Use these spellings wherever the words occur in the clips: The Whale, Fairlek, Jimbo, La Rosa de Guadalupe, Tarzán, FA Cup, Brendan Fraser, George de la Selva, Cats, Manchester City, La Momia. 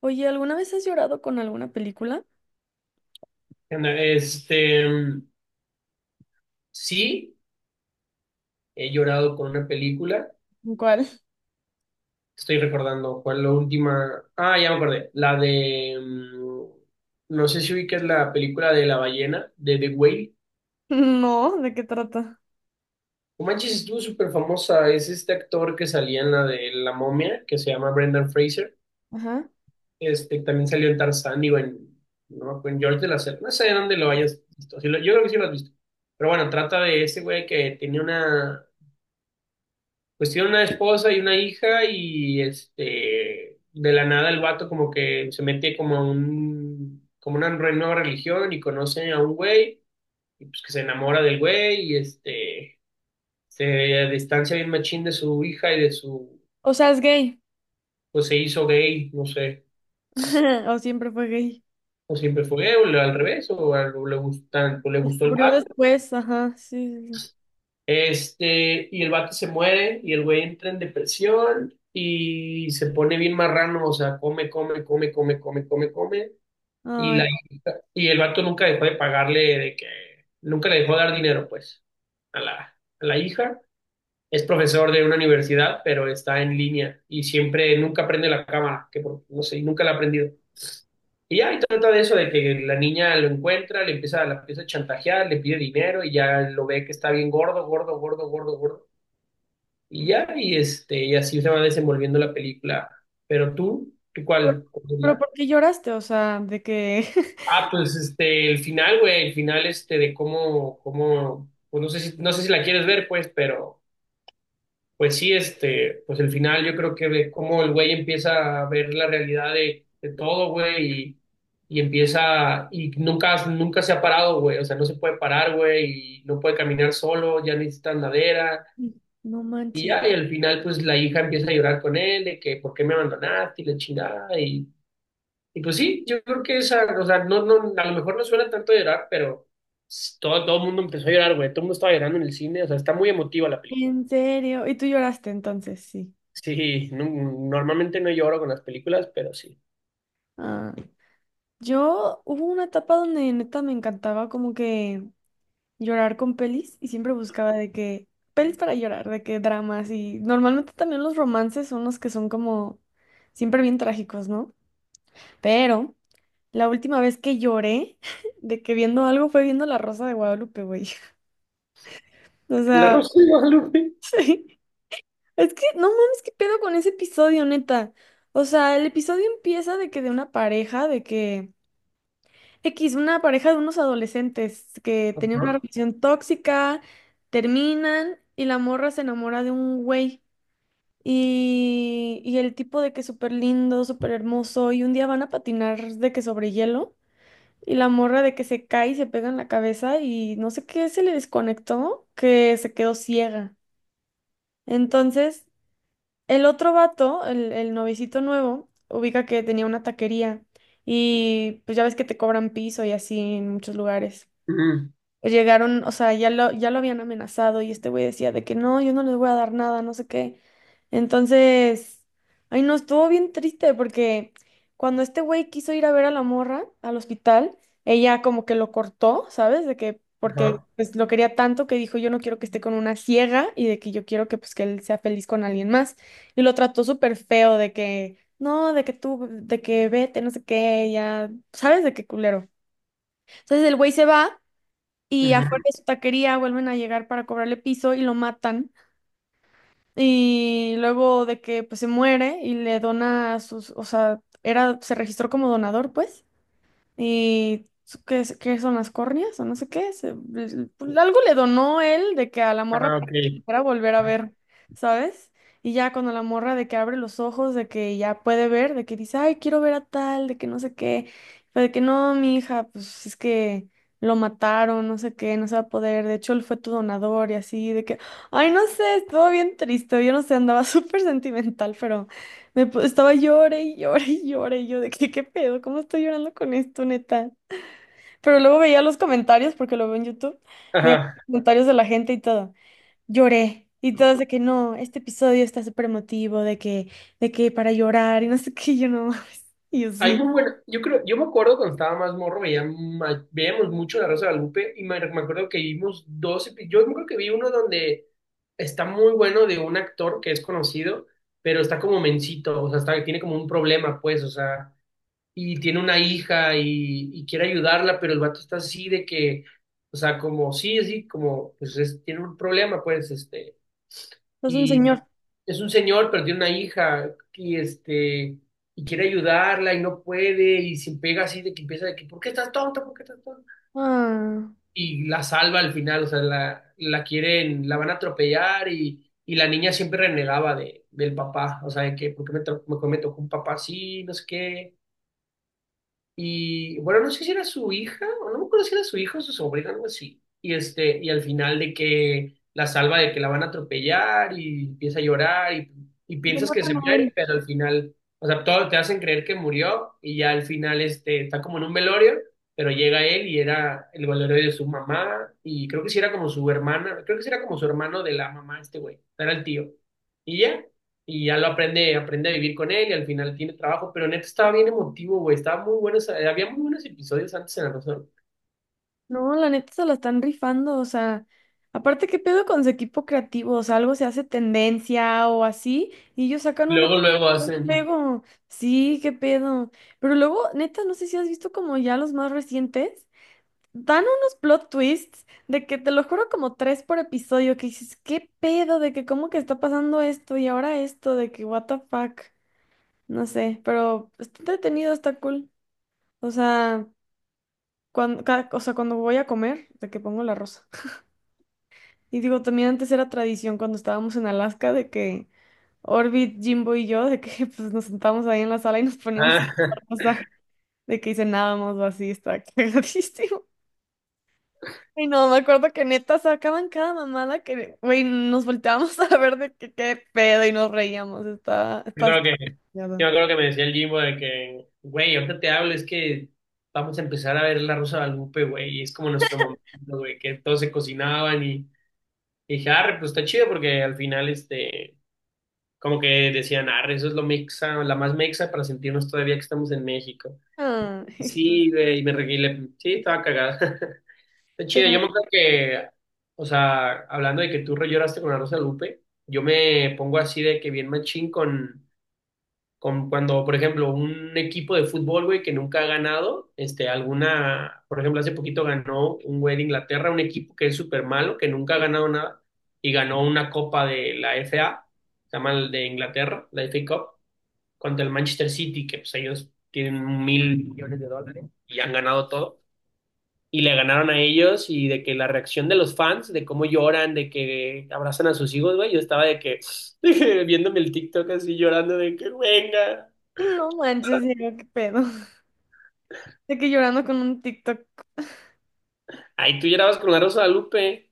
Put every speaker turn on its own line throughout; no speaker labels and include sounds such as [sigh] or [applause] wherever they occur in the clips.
Oye, ¿alguna vez has llorado con alguna película?
Este, sí, he llorado con una película.
¿Cuál? [laughs]
Estoy recordando cuál la última. Ah, ya me acordé. No sé si ubicas la película de la ballena, de The Whale.
No, ¿de qué trata?
No manches, estuvo súper famosa. Es este actor que salía en la de La Momia, que se llama Brendan Fraser.
Ajá.
También salió en Tarzán y en. No, en George de la Selva. No sé de dónde lo hayas visto. Yo creo que sí lo has visto. Pero bueno, trata de ese güey que tenía una pues tiene una esposa y una hija, de la nada el vato como que se mete como una nueva religión y conoce a un güey y pues que se enamora del güey, se distancia bien machín de su hija y de su,
O sea, es gay.
pues se hizo gay, no sé.
[laughs] O siempre fue gay.
O siempre fue gay, al revés, o, o le gustan, o le gustó el
Descubrió
vato.
después, ajá, sí, sí, sí.
Y el vato se muere, y el güey entra en depresión, y se pone bien marrano, o sea, come, come, come, come, come, come, come. Y,
Ay,
la,
no,
y el vato nunca dejó de pagarle, de que nunca le dejó de dar dinero, pues, a la, a la hija. Es profesor de una universidad, pero está en línea y siempre, nunca prende la cámara, no sé, nunca la ha prendido. Y ya, y trata de eso, de que la niña lo encuentra, la empieza a chantajear, le pide dinero y ya lo ve que está bien gordo, gordo, gordo, gordo, gordo. Y ya, y, y así se va desenvolviendo la película. Pero tú, ¿tú
pero,
cuál?
pero ¿por qué lloraste? O sea, de que.
Ah, pues el final, güey, el final de cómo, pues no sé si la quieres ver, pues, pero pues sí, pues el final yo creo que de cómo el güey empieza a ver la realidad de todo, güey, y nunca se ha parado, güey, o sea, no se puede parar, güey, y no puede caminar solo, ya necesita andadera,
[laughs] No
y
manches.
ya, y al final, pues la hija empieza a llorar con él, de que, ¿por qué me abandonaste? Y la chingada, y pues sí, yo creo que esa, o sea, no, no, a lo mejor no suena tanto llorar, pero todo el mundo empezó a llorar, güey. Todo el mundo estaba llorando en el cine, o sea, está muy emotiva la película.
En serio. Y tú lloraste entonces, sí.
Sí, normalmente no lloro con las películas, pero sí.
Ah, yo hubo una etapa donde neta me encantaba como que llorar con pelis y siempre buscaba de que pelis para llorar, de que dramas y normalmente también los romances son los que son como siempre bien trágicos, ¿no? Pero la última vez que lloré [laughs] de que viendo algo fue viendo La Rosa de Guadalupe, güey. [laughs] O
La
sea,
Rosa de Guadalupe.
[laughs] sí. Es que no mames, qué pedo con ese episodio, neta. O sea, el episodio empieza de que de una pareja, de que X, una pareja de unos adolescentes que tenían una
Ajá.
relación tóxica, terminan y la morra se enamora de un güey. Y el tipo de que súper lindo, súper hermoso, y un día van a patinar de que sobre hielo, y la morra de que se cae y se pega en la cabeza, y no sé qué se le desconectó, que se quedó ciega. Entonces, el otro vato, el novicito nuevo, ubica que tenía una taquería, y pues ya ves que te cobran piso y así en muchos lugares.
Ujú.
Pues, llegaron, o sea, ya lo habían amenazado y este güey decía de que no, yo no les voy a dar nada, no sé qué. Entonces, ay, no, estuvo bien triste porque cuando este güey quiso ir a ver a la morra al hospital, ella como que lo cortó, ¿sabes? De que, porque
Ajá.
pues lo quería tanto que dijo, yo no quiero que esté con una ciega y de que yo quiero que pues que él sea feliz con alguien más. Y lo trató súper feo de que, no, de que tú, de que vete, no sé qué, ya, ¿sabes? De qué culero. Entonces el güey se va y
Ujú.
afuera de su taquería vuelven a llegar para cobrarle piso y lo matan. Y luego de que pues se muere y le dona sus, o sea, era, se registró como donador, pues. ¿Y qué, qué son las córneas o no sé qué? Algo le donó él de que a la morra
Ah, ok.
para volver a ver, ¿sabes? Y ya cuando la morra de que abre los ojos, de que ya puede ver, de que dice, ay, quiero ver a tal, de que no sé qué, fue de que no, mi hija, pues es que lo mataron, no sé qué, no se va a poder, de hecho él fue tu donador y así, de que, ay, no sé, estuvo bien triste, yo no sé, andaba [laughs] súper sentimental, pero. Estaba llore y llore y llore y yo de que qué pedo, ¿cómo estoy llorando con esto, neta? Pero luego veía los comentarios, porque lo veo en YouTube, veía
Ajá.
los comentarios de la gente y todo. Lloré. Y todos de que no, este episodio está súper emotivo, de que para llorar y no sé qué, y yo no [laughs] mames. Y yo
Hay
sí.
muy bueno, yo creo, yo me acuerdo cuando estaba más morro, veíamos mucho La Rosa de Guadalupe y me acuerdo que vimos dos, yo me acuerdo que vi uno donde está muy bueno de un actor que es conocido, pero está como mencito, o sea, tiene como un problema, pues, o sea, y tiene una hija y quiere ayudarla, pero el vato está así de que, o sea, como, sí, sí, como, pues tiene un problema, pues,
Es un
y
señor.
es un señor, pero tiene una hija y y quiere ayudarla y no puede y se pega así de que empieza de que ¿por qué estás tonta? ¿Por qué estás tonta?
Ah,
Y la salva al final, o sea, la quieren, la van a atropellar y la niña siempre renegaba del papá, o sea, de que ¿por qué me tocó un papá así? No sé qué. Y bueno, no sé si era su hija, o no me acuerdo si era su hija o su sobrina, algo así. Y al final de que la salva de que la van a atropellar y empieza a llorar y
lo
piensas que se
matan a
muere,
él.
pero al final, o sea, todo te hacen creer que murió y ya al final está como en un velorio, pero llega él y era el velorio de su mamá y creo que sí era como su hermana, creo que sí era como su hermano de la mamá, este güey, era el tío. Y ya y ya aprende a vivir con él y al final tiene trabajo, pero neta estaba bien emotivo, güey, estaba muy bueno, o sea, había muy buenos episodios antes en la razón.
No, la neta se la están rifando, o sea, aparte, ¿qué pedo con su equipo creativo? O sea, algo se hace tendencia o así, y ellos sacan un
Luego, luego
un
hacen...
juego. Sí, qué pedo. Pero luego, neta, no sé si has visto como ya los más recientes, dan unos plot twists de que te lo juro como tres por episodio, que dices, ¿qué pedo? De que cómo que está pasando esto y ahora esto, de que what the fuck. No sé, pero está entretenido, está cool. O sea, cuando, o sea, cuando voy a comer, de que pongo la rosa. Y digo, también antes era tradición cuando estábamos en Alaska de que Orbit, Jimbo y yo, de que [laughs] pues nos sentábamos ahí en la sala y nos poníamos a
Ah,
contar
[laughs]
cosas, de que cenábamos o así, está [laughs] cagadísimo. Y no, me acuerdo que neta sacaban cada mamada que, güey, nos volteábamos [laughs] a ver de que qué pedo y nos reíamos, está,
yo
está.
creo que, yo me acuerdo que me decía el Jimbo de que, güey, ahorita te hablo, es que vamos a empezar a ver La Rosa de Guadalupe, güey, y es como nuestro momento, güey, que todos se cocinaban y dije, arre, pues está chido porque al final, como que decían, arre, eso es lo mexa, la más mexa para sentirnos todavía que estamos en México.
Ay,
Sí, güey, y me reguilé, sí, estaba cagada. [laughs] Está
[laughs]
chido, yo
pero
me acuerdo que, o sea, hablando de que tú re lloraste con la Rosa de Lupe, yo me pongo así de que bien machín con cuando, por ejemplo, un equipo de fútbol, güey, que nunca ha ganado, por ejemplo, hace poquito ganó un güey de Inglaterra, un equipo que es súper malo, que nunca ha ganado nada, y ganó una copa de la FA, se llama el de Inglaterra, la FA Cup, contra el Manchester City, que pues ellos tienen mil millones de dólares y han ganado todo y le ganaron a ellos y de que la reacción de los fans, de cómo lloran, de que abrazan a sus hijos, güey, yo estaba de que [laughs] viéndome el TikTok así llorando de que venga.
no manches, Diego, qué pedo. De que llorando con un TikTok.
Ay, tú llorabas con la Rosa de Lupe.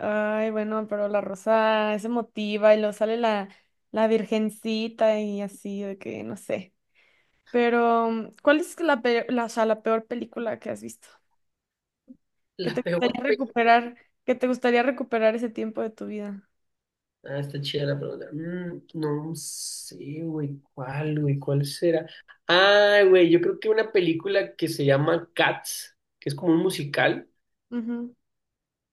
Ay, bueno, pero la rosa es emotiva y luego sale la virgencita y así, de que no sé. Pero, mm, ¿cuál es o sea, la peor película que has visto, que
La
te
peor
gustaría
película.
recuperar, que te gustaría recuperar ese tiempo de tu vida?
Ah, está chida la pregunta. No sé, güey, cuál será. Ah, güey, yo creo que una película que se llama Cats, que es como un musical.
Ujú.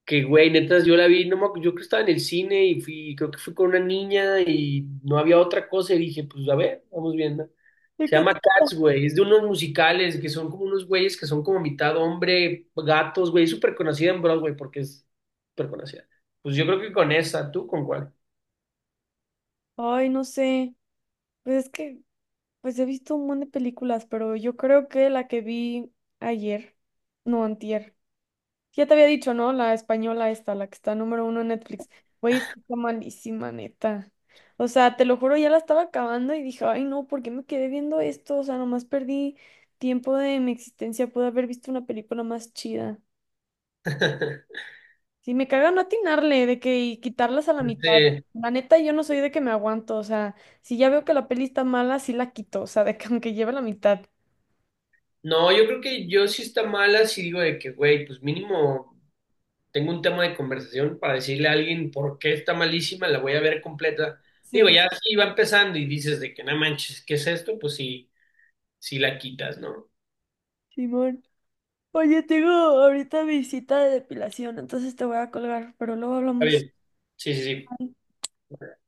Que güey, netas, yo la vi, no me acu- yo creo que estaba en el cine y creo que fui con una niña y no había otra cosa y dije, pues a ver, vamos viendo.
¿Y
Se
qué
llama
te-
Cats, güey, es de unos musicales que son como unos güeyes que son como mitad hombre, gatos, güey, es súper conocida en Broadway porque es súper conocida. Pues yo creo que con esa, ¿tú con cuál?
Ay, no sé. Pues es que, pues he visto un montón de películas, pero yo creo que la que vi ayer, no, antier. Ya te había dicho, ¿no? La española esta, la que está número uno en Netflix. Güey, es que está malísima, neta. O sea, te lo juro, ya la estaba acabando y dije, ay, no, ¿por qué me quedé viendo esto? O sea, nomás perdí tiempo de mi existencia. Pude haber visto una película más chida.
[laughs]
Sí, me caga no atinarle de que y quitarlas a la mitad.
Este,
La neta, yo no soy de que me aguanto. O sea, si ya veo que la peli está mala, sí la quito. O sea, de que aunque lleve la mitad.
no, yo creo que yo sí está mala si digo de que, güey, pues mínimo. Tengo un tema de conversación para decirle a alguien por qué está malísima, la voy a ver completa. Digo,
Sí.
ya si va empezando y dices de que no manches, ¿qué es esto? Pues sí, sí la quitas, ¿no?
Simón. Oye, tengo ahorita visita de depilación, entonces te voy a colgar, pero luego
Está
hablamos.
bien. Sí, sí,
Ay,
sí.